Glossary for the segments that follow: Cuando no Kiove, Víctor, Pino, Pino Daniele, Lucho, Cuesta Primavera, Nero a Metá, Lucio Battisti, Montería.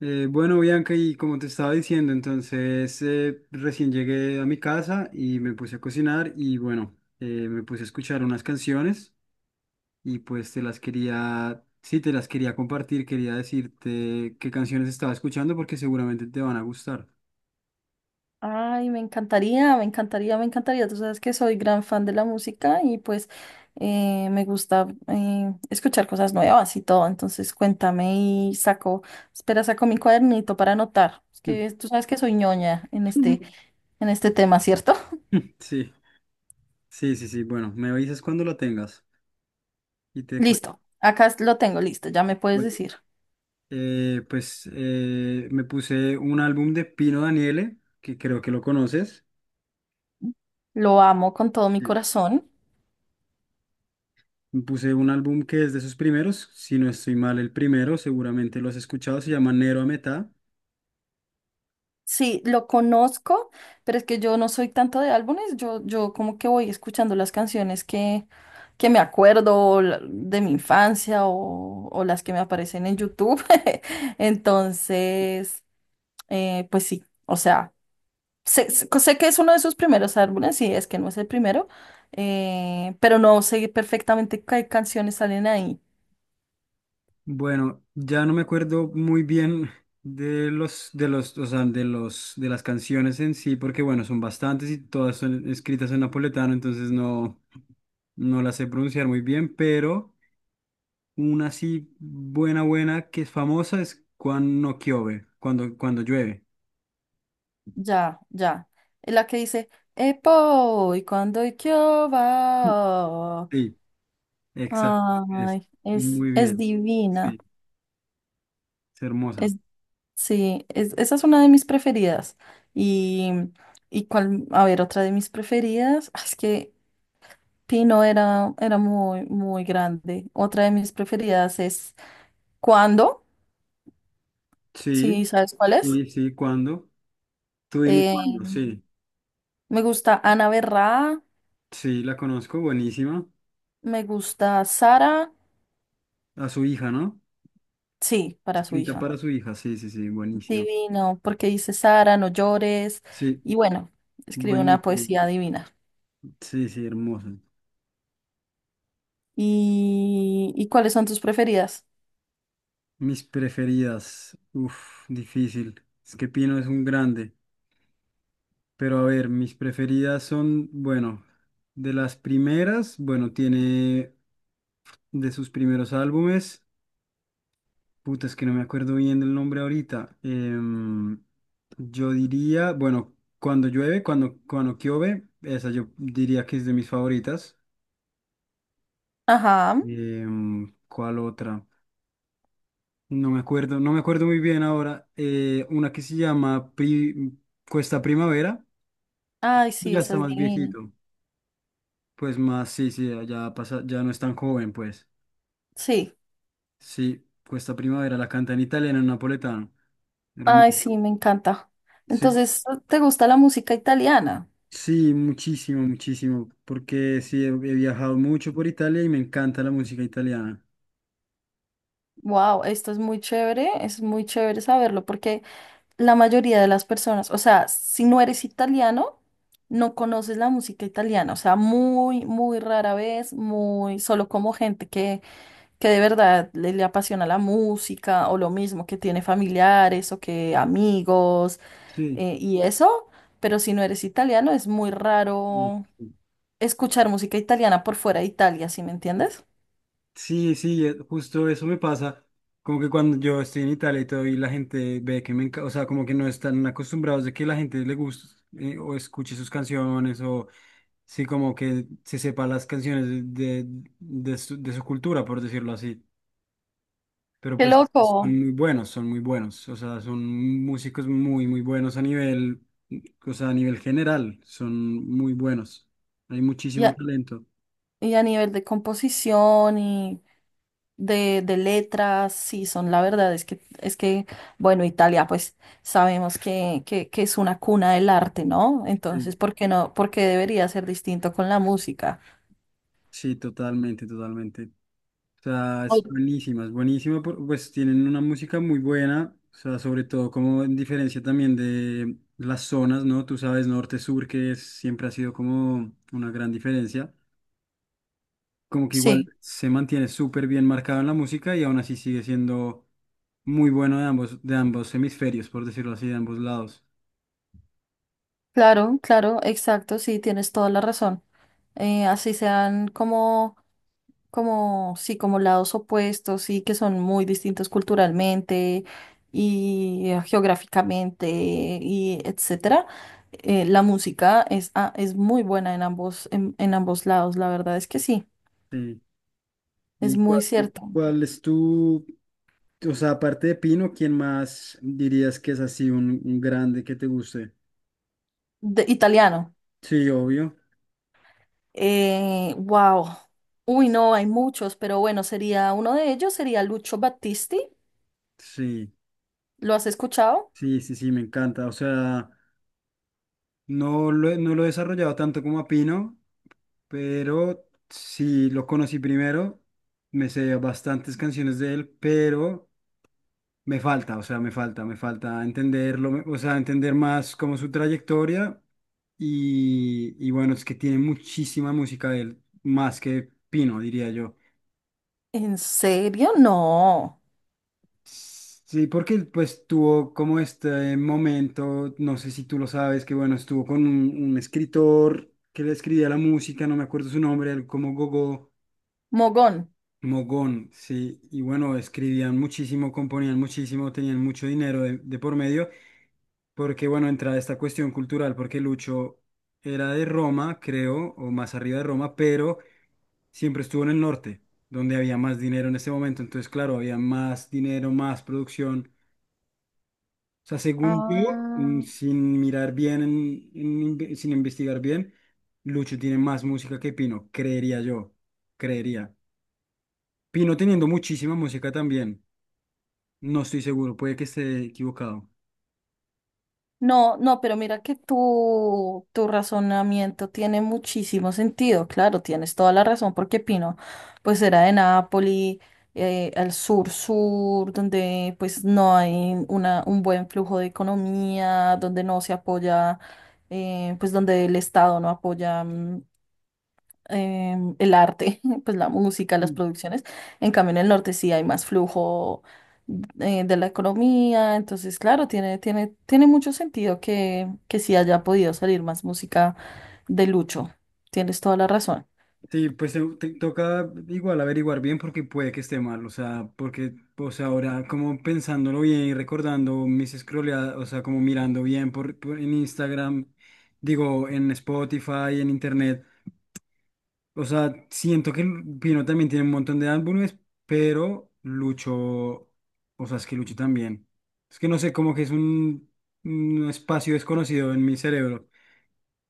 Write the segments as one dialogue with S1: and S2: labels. S1: Bueno, Bianca, y como te estaba diciendo, entonces recién llegué a mi casa y me puse a cocinar y bueno, me puse a escuchar unas canciones y pues te las quería, sí, te las quería compartir, quería decirte qué canciones estaba escuchando porque seguramente te van a gustar.
S2: Ay, me encantaría, me encantaría, me encantaría. Tú sabes que soy gran fan de la música y pues me gusta escuchar cosas nuevas y todo. Entonces cuéntame y saco, espera, saco mi cuadernito para anotar. Es
S1: Mm.
S2: que tú sabes que soy ñoña en en este tema, ¿cierto?
S1: Sí, sí, sí, sí. Bueno, me avisas cuando lo tengas y te cuento.
S2: Listo, acá lo tengo listo, ya me puedes
S1: Bueno,
S2: decir.
S1: me puse un álbum de Pino Daniele, que creo que lo conoces.
S2: Lo amo con todo mi
S1: eh,
S2: corazón.
S1: Me puse un álbum que es de sus primeros, si no estoy mal, el primero, seguramente lo has escuchado, se llama Nero a Metá.
S2: Sí, lo conozco, pero es que yo no soy tanto de álbumes, yo como que voy escuchando las canciones que me acuerdo o de mi infancia o las que me aparecen en YouTube. Entonces, pues sí, o sea, sé que es uno de sus primeros álbumes, sí, es que no es el primero, pero no sé perfectamente qué canciones salen ahí.
S1: Bueno, ya no me acuerdo muy bien o sea, de los, de las canciones en sí, porque bueno, son bastantes y todas son escritas en napoletano, entonces no, no las sé pronunciar muy bien, pero una así buena, buena, que es famosa es Cuando no Kiove, cuando, cuando llueve.
S2: Ya, ya. Es la que dice Epo, y cuando y qué va.
S1: Sí, exacto, es
S2: Ay,
S1: muy
S2: es
S1: bien,
S2: divina.
S1: sí, es hermosa.
S2: Es, sí, esa es una de mis preferidas. Y, y cuál, a ver, otra de mis preferidas, ah, es que Pino era muy, muy grande. Otra de mis preferidas es Cuando,
S1: Sí,
S2: sí, sabes cuál es.
S1: sí, sí, ¿cuándo? Tú dime
S2: Eh,
S1: cuándo, sí.
S2: me gusta Ana Berra,
S1: Sí, la conozco, buenísima.
S2: me gusta Sara,
S1: A su hija, ¿no?
S2: sí, para su
S1: Escrita
S2: hija.
S1: para su hija, sí, sí, sí, buenísima.
S2: Divino, porque dice Sara, no llores.
S1: Sí,
S2: Y bueno, escribe una
S1: buenísima.
S2: poesía divina.
S1: Sí, sí, hermosa.
S2: Y cuáles son tus preferidas?
S1: Mis preferidas, uf, difícil. Es que Pino es un grande. Pero a ver, mis preferidas son, bueno, de las primeras, bueno, tiene de sus primeros álbumes. Puta, es que no me acuerdo bien del nombre ahorita. Yo diría, bueno, cuando llueve, cuando, cuando llueve, esa yo diría que es de mis favoritas.
S2: Ajá.
S1: ¿Cuál otra? No me acuerdo, no me acuerdo muy bien ahora. Una que se llama Cuesta Primavera,
S2: Ay,
S1: pues
S2: sí,
S1: ya
S2: esa
S1: está
S2: es
S1: más
S2: divina.
S1: viejito. Pues más, sí, sí, ya pasa, ya no es tan joven, pues.
S2: Sí.
S1: Sí, Cuesta Primavera, la canta en italiano, en napoletano.
S2: Ay,
S1: Hermoso.
S2: sí, me encanta.
S1: Sí,
S2: Entonces, ¿te gusta la música italiana?
S1: sí, muchísimo, muchísimo, porque sí, he viajado mucho por Italia y me encanta la música italiana.
S2: Wow, esto es muy chévere saberlo porque la mayoría de las personas, o sea, si no eres italiano, no conoces la música italiana, o sea, muy, muy rara vez, muy solo como gente que de verdad le apasiona la música o lo mismo, que tiene familiares o que amigos
S1: Sí,
S2: y eso, pero si no eres italiano es muy
S1: y-
S2: raro escuchar música italiana por fuera de Italia, ¿sí me entiendes?
S1: sí, sí, justo eso me pasa, como que cuando yo estoy en Italia y todo y la gente ve que me encanta, o sea, como que no están acostumbrados de que la gente le guste o escuche sus canciones o sí, como que se sepa las canciones de, de, de su cultura, por decirlo así. Pero
S2: Qué
S1: pues son
S2: loco.
S1: muy buenos, son muy buenos. O sea, son músicos muy, muy buenos a nivel, o sea, a nivel general, son muy buenos. Hay
S2: Y
S1: muchísimo
S2: a,
S1: talento.
S2: y a nivel de composición y de letras, sí, son la verdad, bueno, Italia, pues sabemos que es una cuna del arte, ¿no?
S1: Sí,
S2: Entonces, ¿por qué no? ¿Por qué debería ser distinto con la música?
S1: sí, totalmente, totalmente. O sea,
S2: O-
S1: es buenísima, pues tienen una música muy buena, o sea, sobre todo como en diferencia también de las zonas, ¿no? Tú sabes, norte-sur, siempre ha sido como una gran diferencia. Como que igual
S2: Sí,
S1: se mantiene súper bien marcado en la música y aún así sigue siendo muy bueno de ambos hemisferios, por decirlo así, de ambos lados.
S2: claro, claro, exacto, sí, tienes toda la razón. Así sean como, sí, como lados opuestos y que son muy distintos culturalmente y geográficamente y etcétera. La música es muy buena en ambos, en ambos lados, la verdad es que sí,
S1: Sí.
S2: es
S1: ¿Y
S2: muy
S1: cuál,
S2: cierto.
S1: cuál es tu, o sea, aparte de Pino, quién más dirías que es así un grande que te guste?
S2: De, italiano.
S1: Sí, obvio.
S2: Wow. Uy, no, hay muchos, pero bueno, sería uno de ellos, sería Lucio Battisti.
S1: Sí,
S2: ¿Lo has escuchado?
S1: sí, sí, sí, me encanta. O sea, no lo he desarrollado tanto como a Pino, pero sí lo conocí primero. Me sé bastantes canciones de él, pero... Me falta, o sea, me falta entenderlo, o sea, entender más como su trayectoria y bueno, es que tiene muchísima música de él, más que Pino, diría yo.
S2: ¿En serio? No.
S1: Sí, porque él, pues tuvo como este momento, no sé si tú lo sabes, que bueno, estuvo con un escritor que le escribía la música, no me acuerdo su nombre, él como Gogo.
S2: Mogón.
S1: Mogón, sí, y bueno, escribían muchísimo, componían muchísimo, tenían mucho dinero de por medio, porque bueno, entra esta cuestión cultural, porque Lucho era de Roma, creo, o más arriba de Roma, pero siempre estuvo en el norte, donde había más dinero en ese momento, entonces claro, había más dinero, más producción. O sea, según yo, mm,
S2: Ah.
S1: sin mirar bien, sin investigar bien, Lucho tiene más música que Pino, creería yo, creería. Pino teniendo muchísima música también. No estoy seguro, puede que esté equivocado.
S2: No, no, pero mira que tu razonamiento tiene muchísimo sentido, claro, tienes toda la razón, porque Pino, pues era de Nápoli, al sur-sur, donde pues no hay una, un buen flujo de economía, donde no se apoya, pues donde el Estado no apoya el arte, pues la música, las producciones. En cambio, en el norte sí hay más flujo de la economía. Entonces, claro, tiene mucho sentido que sí haya podido salir más música de Lucho. Tienes toda la razón.
S1: Sí, pues te toca igual averiguar bien porque puede que esté mal, o sea, porque, o sea, ahora como pensándolo bien y recordando mis scrolleadas, o sea, como mirando bien en Instagram, digo, en Spotify, en Internet, o sea, siento que Pino también tiene un montón de álbumes, pero Lucho, o sea, es que Lucho también. Es que no sé, como que es un espacio desconocido en mi cerebro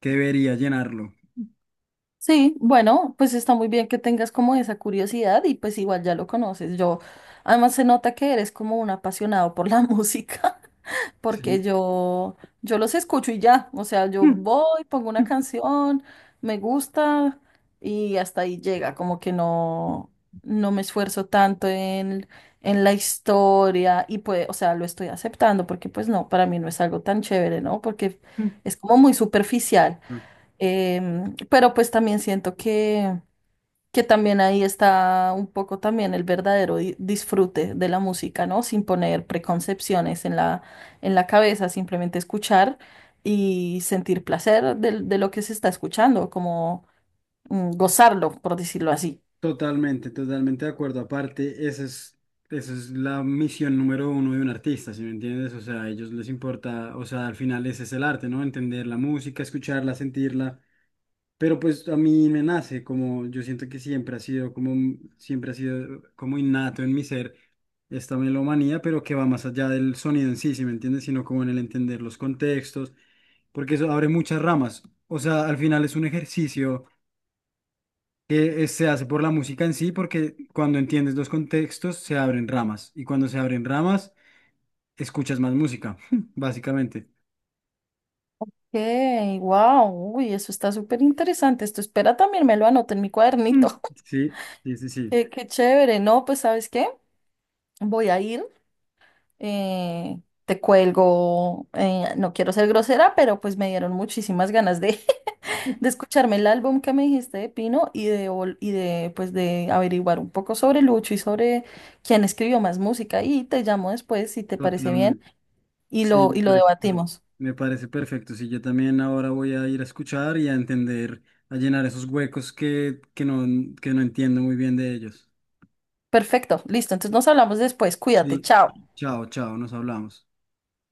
S1: que debería llenarlo.
S2: Sí, bueno, pues está muy bien que tengas como esa curiosidad y pues igual ya lo conoces. Yo, además se nota que eres como un apasionado por la música,
S1: Sí.
S2: porque yo los escucho y ya, o sea, yo voy, pongo una canción, me gusta y hasta ahí llega, como que no, no me esfuerzo tanto en la historia y pues, o sea, lo estoy aceptando porque pues no, para mí no es algo tan chévere, ¿no? Porque es como muy superficial. Em, pero pues también siento que también ahí está un poco también el verdadero disfrute de la música, ¿no? Sin poner preconcepciones en en la cabeza, simplemente escuchar y sentir placer de lo que se está escuchando, como mm, gozarlo, por decirlo así.
S1: Totalmente, totalmente de acuerdo. Aparte, esa es la misión número uno de un artista, ¿sí me entiendes? O sea, a ellos les importa, o sea, al final ese es el arte, ¿no? Entender la música, escucharla, sentirla. Pero pues a mí me nace, como yo siento que siempre ha sido como, siempre ha sido como innato en mi ser esta melomanía, pero que va más allá del sonido en sí, ¿sí me entiendes? Sino como en el entender los contextos, porque eso abre muchas ramas. O sea, al final es un ejercicio que se hace por la música en sí, porque cuando entiendes los contextos se abren ramas y cuando se abren ramas escuchas más música, básicamente.
S2: Okay, wow, uy, eso está súper interesante. Esto espera también me lo anoto en mi
S1: Mm.
S2: cuadernito.
S1: Sí, sí, sí, sí,
S2: Qué, qué chévere, ¿no? Pues ¿sabes qué? Voy a ir. eh, Te cuelgo, no quiero ser grosera, pero pues me dieron muchísimas ganas de, de escucharme el álbum que me dijiste de Pino y y de, pues, de averiguar un poco sobre Lucho y sobre quién escribió más música. Y te llamo después si te parece bien
S1: totalmente.
S2: y
S1: Sí, me
S2: y lo
S1: parece, perfecto.
S2: debatimos.
S1: Me parece perfecto. Sí, yo también ahora voy a ir a escuchar y a entender, a llenar esos huecos que no entiendo muy bien de ellos.
S2: Perfecto, listo. Entonces nos hablamos después. Cuídate,
S1: Sí,
S2: chao.
S1: chao, chao, nos hablamos.